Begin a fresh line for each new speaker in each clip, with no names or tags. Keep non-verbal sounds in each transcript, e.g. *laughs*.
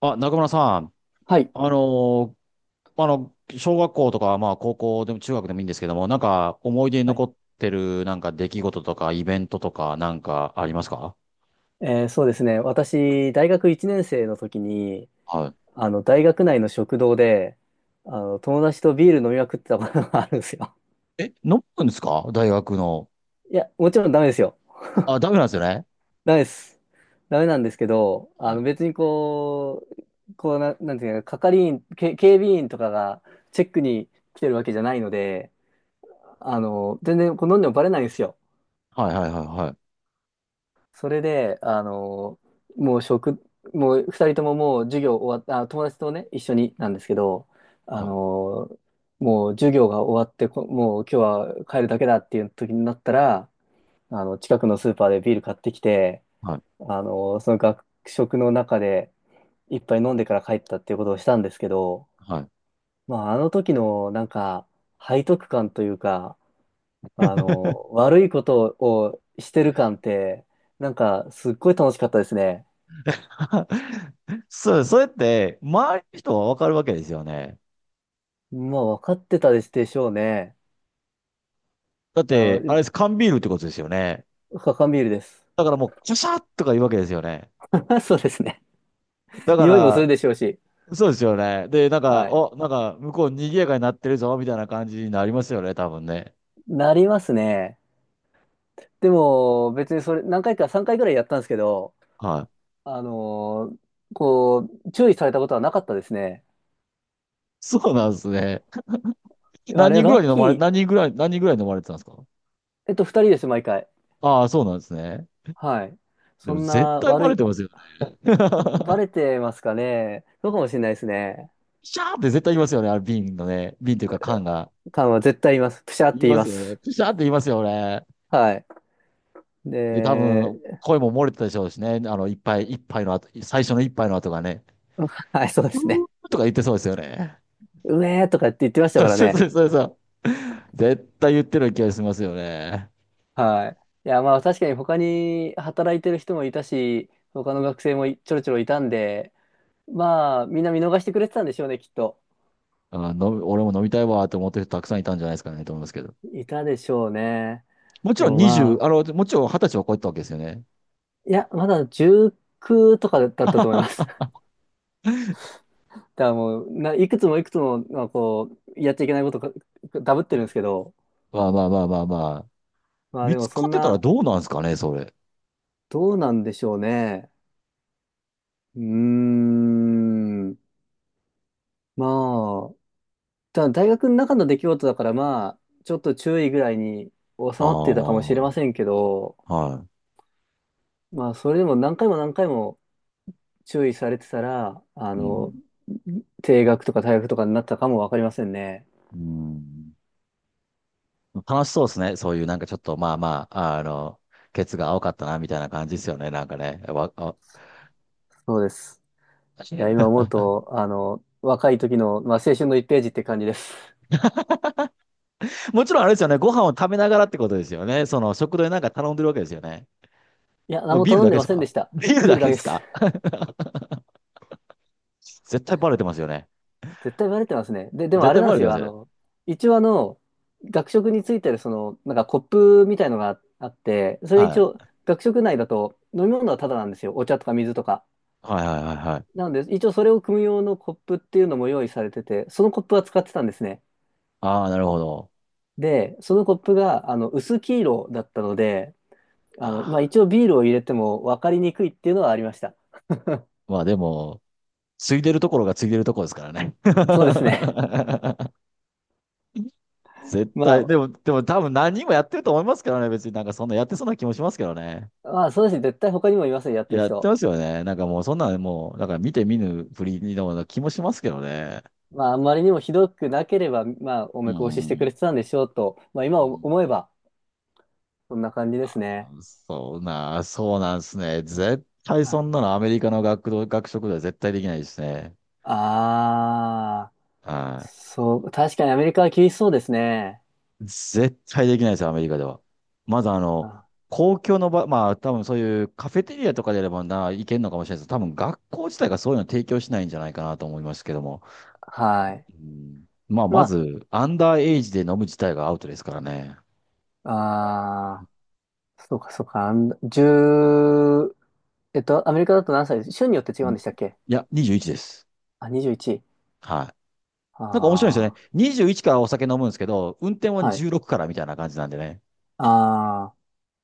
あ、中村さん、
はい。
あの小学校とか、まあ、高校でも中学でもいいんですけども、なんか、思い出に
は
残
い。
ってる、なんか、出来事とか、イベントとか、なんか、ありますか？
そうですね。私、大学1年生の時に、
は
あの、大学内の食堂で、あの、友達とビール飲みまくってたことがあるんですよ。
い。え、飲むんですか、大学の？
*laughs* いや、もちろんダメですよ。
あ、ダメなんですよね。
ダメです。ダメなんですけど、
は
あ
い。
の、別になんていうか、係員、警備員とかがチェックに来てるわけじゃないので、あの、全然こう飲んでもバレないんですよ。
はいはいはいはい。
それで、あの、もう食、もう二人とももう授業終わった、あ、友達とね、一緒になんですけど、あ
はい。
の、もう授業が終わって、もう今日は帰るだけだっていう時になったら、あの、近くのスーパーでビール買ってきて、
はい
あの、その学食の中で一杯飲んでから帰ったっていうことをしたんですけど、
はい。
まあ、あの時のなんか、背徳感というか、あの、悪いことをしてる感って、なんか、すっごい楽しかったですね。
*laughs* そう、それって、周りの人はわかるわけですよね。
まあ、分かってたでしょうね。
だっ
まあ、
て、あれです、缶ビールってことですよね。
カンビールです。
だからもう、シャシャッとか言うわけですよね。
*laughs* そうですね。
だか
匂いもする
ら、
でしょうし。
そうですよね。で、なんか、
はい。
なんか、向こう賑やかになってるぞ、みたいな感じになりますよね、多分ね。
なりますね。でも、別にそれ、何回か、3回ぐらいやったんですけど、
はい。
あのーこ注意されたことはなかったですね。
そうなんですね。
あれ、ラッキー。
何人ぐらいに飲まれてたんですか？
2人です、毎回。
ああ、そうなんですね。
はい。
で
そ
も
ん
絶
な
対バ
悪
レ
い、
てますよね。*laughs*
バレてますかね。そうかもしれないですね。
シャーって絶対言いますよね、あれ瓶のね。瓶というか缶が。
缶は絶対言います。プシャーって
言い
言い
ま
ま
すよね。
す。
プシャーって言いますよね。
はい。
で、多
で、
分、声も漏れてたでしょうしね。一杯、一杯の後、最初の一杯の後がね。
*laughs* はい、そうで
う
すね。
ーとか言ってそうですよね。
うめーとかって言ってました
そう
から
そう
ね。
そうそうそう。絶対言ってる気がしますよね。
はい。いや、まあ確かに他に働いてる人もいたし、他の学生もちょろちょろいたんで、まあみんな見逃してくれてたんでしょうね、きっと。
あ、俺も飲みたいわって思ってる人たくさんいたんじゃないですかねと思いますけど。
いたでしょうね。
もち
で
ろん
も
20、
ま
あ
あ、
の、もちろん20歳は超えてたわけですよね。
いや、まだ19とかだったと思い
*laughs*
ます。*laughs*
ま
だからもう、いくつもいくつも、まあ、こう、やっちゃいけないことか、ダブってるんですけど、
あまあまあまあまあ。
まあ
見
でも
つ
そ
かっ
ん
てたら
な、
どうなんですかね、それ。
どうなんでしょうね。うーん。まあ、ただ大学の中の出来事だから、まあ、ちょっと注意ぐらいに収
ああ、
まってたかもしれま
は
せんけど、まあ、それでも何回も何回も注意されてたら、あ
い。う
の、
ん。
停学とか退学とかになったかもわかりませんね。
うん。楽しそうですね。そういうなんかちょっとまあまあ、ケツが青かったな、みたいな感じですよね。なんかね。
そうです。いや、今思
*laughs*
うと、あの、若い時の、まあ、青春の1ページって感じです。
もちろんあれですよね。ご飯を食べながらってことですよね。その食堂でなんか頼んでるわけですよね。
いや、
も
何
う
も
ビール
頼
だ
ん
け
で
で
ま
す
せん
か？
でした。
*laughs* ビール
ビー
だ
ル
け
だ
で
けで
す
す。
か？ *laughs* 絶対バレてますよね。
絶対バレてますね。で、でも
絶
あれ
対
なん
バ
で
レ
す
てま
よ。
す
あ
よね。
の、一応あの、学食についてるその、なんかコップみたいのがあって、それ
は
一応、
い。
学食内だと飲み物はタダなんですよ。お茶とか水とか。
はいはいはいはい。
なので、一応それを汲む用のコップっていうのも用意されてて、そのコップは使ってたんですね。
ああ、なるほど。
で、そのコップが、あの、薄黄色だったので、あの、まあ
あ
一応ビールを入れても分かりにくいっていうのはありました。
まあでも、ついでるところがついでるところですからね。
そうですね。
*laughs* 絶
*laughs*
対、で
ま
も、でも多分何人もやってると思いますからね。別になんかそんなやってそうな気もしますけどね。
まあそうですね。絶対他にもいますよ、やってる
やって
人。
ますよね。なんかもうそんなのもう、なんか見て見ぬふりのような気もしますけどね。
まあ、あんまりにもひどくなければ、まあ、お
う
目通ししてく
ん。
れてたんでしょうと、まあ、今
うん、
思えば、そんな感じですね。
そうなんですね。絶対
あ
そんなの、アメリカの学食では絶対できないですね。
あー、
は
そう、確かにアメリカは厳しそうですね。
い。絶対できないですよ、アメリカでは。まず
あ、
公共の場、まあ多分そういうカフェテリアとかであればな、いけるのかもしれないです。多分学校自体がそういうの提供しないんじゃないかなと思いますけども。
はい。
うん、まあ
ま
まず、アンダーエイジで飲む自体がアウトですからね。
あ、ああ、そうか、そうか、1、アメリカだと何歳です、州によって違う
ん
ん
い
でしたっけ？
や、21です。
あ、21。
はい。なんか面白いですよね。
あ
21からお酒飲むんですけど、運転は
あ、はい。
16からみたいな感じなんでね。
ああ、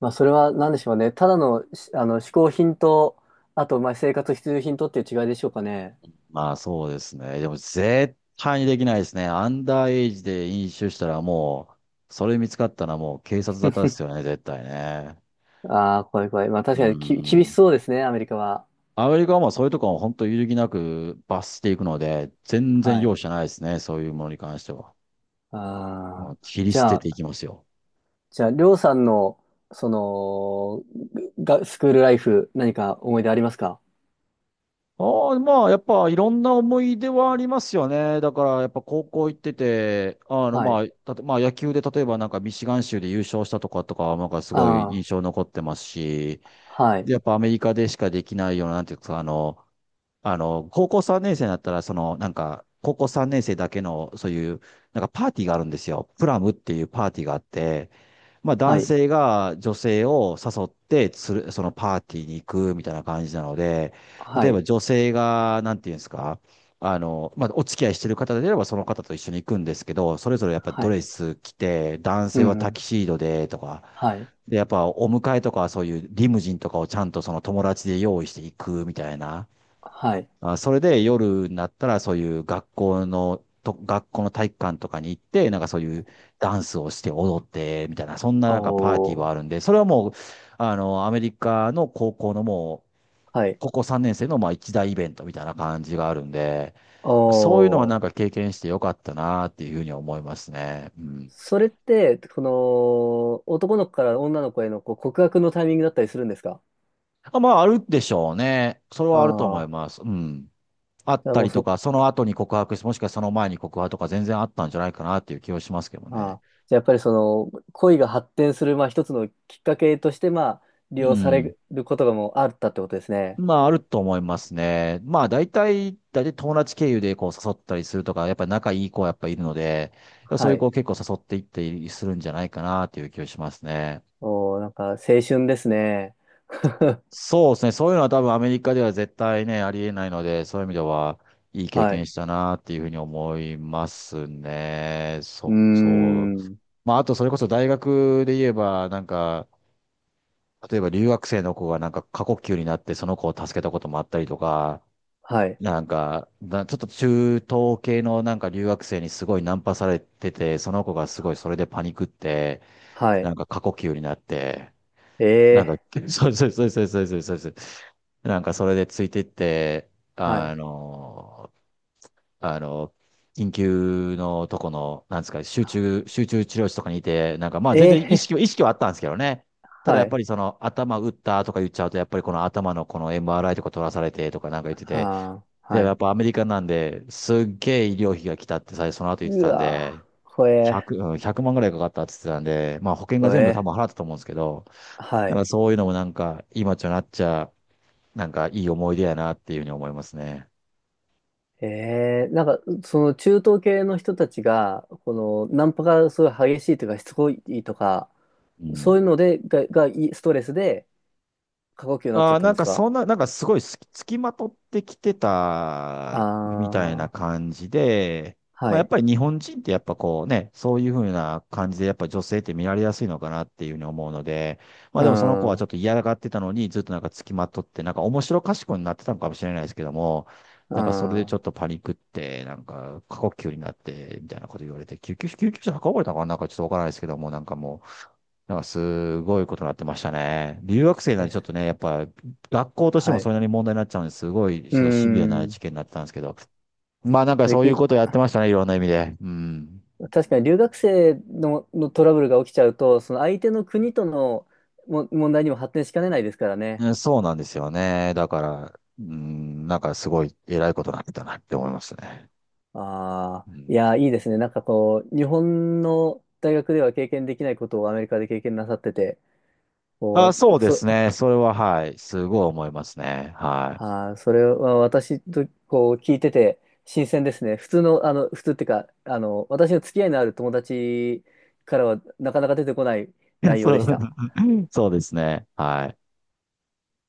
まあ、それは何でしょうね。ただの、あの、嗜好品と、あと、まあ、生活必需品とっていう違いでしょうかね。
まあそうですね。でも絶対にできないですね。アンダーエイジで飲酒したらもう、それ見つかったらもう警察沙汰ですよね、絶対ね。
ああ、怖い怖い。まあ確
う
かに厳し
ん。
そうですね、アメリカは。
アメリカはまあそういうとこは本当揺るぎなく罰していくので、全然
はい。
容赦ないですね、そういうものに関しては。ま
あ
あ
あ、
切り捨てていきますよ。
じゃあ、りょうさんの、その、スクールライフ、何か思い出ありますか？
ああ、まあ、やっぱいろんな思い出はありますよね。だから、やっぱ高校行ってて、
は
ま
い。
あ、まあ、野球で例えばなんかミシガン州で優勝したとかは、なんかすごい
あ
印
あ、
象残ってますし、
はい。
で、やっぱアメリカでしかできないような、なんていうか、高校3年生になったら、その、なんか、高校3年生だけの、そういう、なんかパーティーがあるんですよ。プラムっていうパーティーがあって、まあ
は
男
い。
性が女性を誘ってそのパーティーに行くみたいな感じなので、
は
例え
い。
ば女性が、なんていうんですか、まあお付き合いしてる方であればその方と一緒に行くんですけど、それぞれやっぱ
は
ド
い。
レス着て、男
う
性は
ん、う
タ
ん。
キシードでとか、
はい。
で、やっぱお迎えとかそういうリムジンとかをちゃんとその友達で用意していくみたいな。
はい。
あ、それで夜になったらそういう学校の体育館とかに行って、なんかそういうダンスをして踊って、みたいな、そんななんかパーティー
お
は
ー。
あるんで、それはもう、アメリカの高校のもう、
はい。
高校3年生のまあ一大イベントみたいな感じがあるんで、そういうのは
お
なんか
ー。
経験してよかったなっていうふうに思いますね。うん。
それって、この、男の子から女の子へのこう告白のタイミングだったりするんですか
あ、まあ、あるでしょうね。それ
あ
はあると
あ
思い
ー。
ます。うん。あっ
じゃあ
た
もう
りと
そ
か、その後に告白して、もしくはその前に告白とか全然あったんじゃないかなっていう気はしますけど
あ
ね。
あ、じゃあやっぱりその恋が発展する、まあ、一つのきっかけとして、まあ、利
う
用さ
ん。
れることがもうあったってことですね。
まあ、あると思いますね。まあ、大体友達経由でこう誘ったりするとか、やっぱり仲いい子はやっぱいるので、そう
は
いう子
い。
を結構誘っていったりするんじゃないかなという気がしますね。
おー、なんか青春ですね。*laughs*
そうですね。そういうのは多分アメリカでは絶対ね、ありえないので、そういう意味では、いい経
は
験
い。
したなっていうふうに思いますね。
うー
そう。
ん。
まあ、あとそれこそ大学で言えば、なんか、例えば留学生の子がなんか過呼吸になってその子を助けたこともあったりとか、
はい。
なんか、ちょっと中東系のなんか留学生にすごいナンパされてて、その子がすごいそれでパニクって、
は
な
い。
んか過呼吸になって、なんか、
ええ、
*laughs* そうそうそうそうそうそうそうそう。なんかそれでついてって、
はい。
あのあの緊急のとこの、なんですか、集中治療室とかにいて、なんかまあ全然
ええ。
意識はあったんですけどね。
*laughs*
ただ
は
やっぱ
い。
りその頭打ったとか言っちゃうと、やっぱりこの頭のこの MRI とか取らされてとかなんか言ってて、
はあ、
で、
は
や
い。
っぱアメリカなんで、すっげえ医療費が来たって最初その後言って
う
たん
わ
で、
ー、ほ
100、
え
うん、1万ぐらいかかったって言ってたんで、まあ保険が
ほ
全部多
え、
分払ったと思うんですけど、
は
だから
い。
そういうのもなんか、今となっちゃ、なんかいい思い出やなっていうふうに思いますね。
ええ、なんか、その中東系の人たちが、この、ナンパがすごい激しいというか、しつこいとか、
う
そう
ん。
いうので、が、がいストレスで過呼吸になっちゃ
あ
っ
あ、
たん
なん
です
か
か？
そんな、なんかすごいすき付きまとってきて
あ
たみたいな
あー、
感じで、ま
は
あやっ
い。
ぱり日本人ってやっぱこうね、そういうふうな感じでやっぱ女性って見られやすいのかなっていうふうに思うので、まあ
う
でもその子
ん、
は
う
ちょ
ん、
っと嫌がってたのにずっとなんか付きまとって、なんか面白かしこになってたのかもしれないですけども、なんかそれでちょっとパニックって、なんか過呼吸になってみたいなこと言われて、救急車運ばれたのかな、なんかちょっとわからないですけども、なんかもう、なんかすごいことになってましたね。留学生なんで
Yes、
ちょっとね、やっぱ学校として
は
もそ
い。
れなりに問題になっちゃうんで、すごい
う
ちょっとシビアな
ん。
事件になってたんですけど。まあなんか
で、
そういうことをやってましたね、いろんな意味で。うん。
確かに留学生のトラブルが起きちゃうと、その相手の国とのも問題にも発展しかねないですからね。
うん、そうなんですよね。だから、うん、なんかすごい偉いことになってたなって思いますね。
あ
う
あ、い
ん、
や、いいですね。なんかこう、日本の大学では経験できないことをアメリカで経験なさってて、こ
あ、
う、
そう
わ
で
そ、
すね。それははい。すごい思いますね。は
ああ、それは私とこう聞いてて新鮮ですね。普通の、あの、普通っていうか、あの、私の付き合いのある友達からはなかなか出てこない
い。*laughs*
内容で
そ
し
う、
た。
*laughs* そうですね。はい。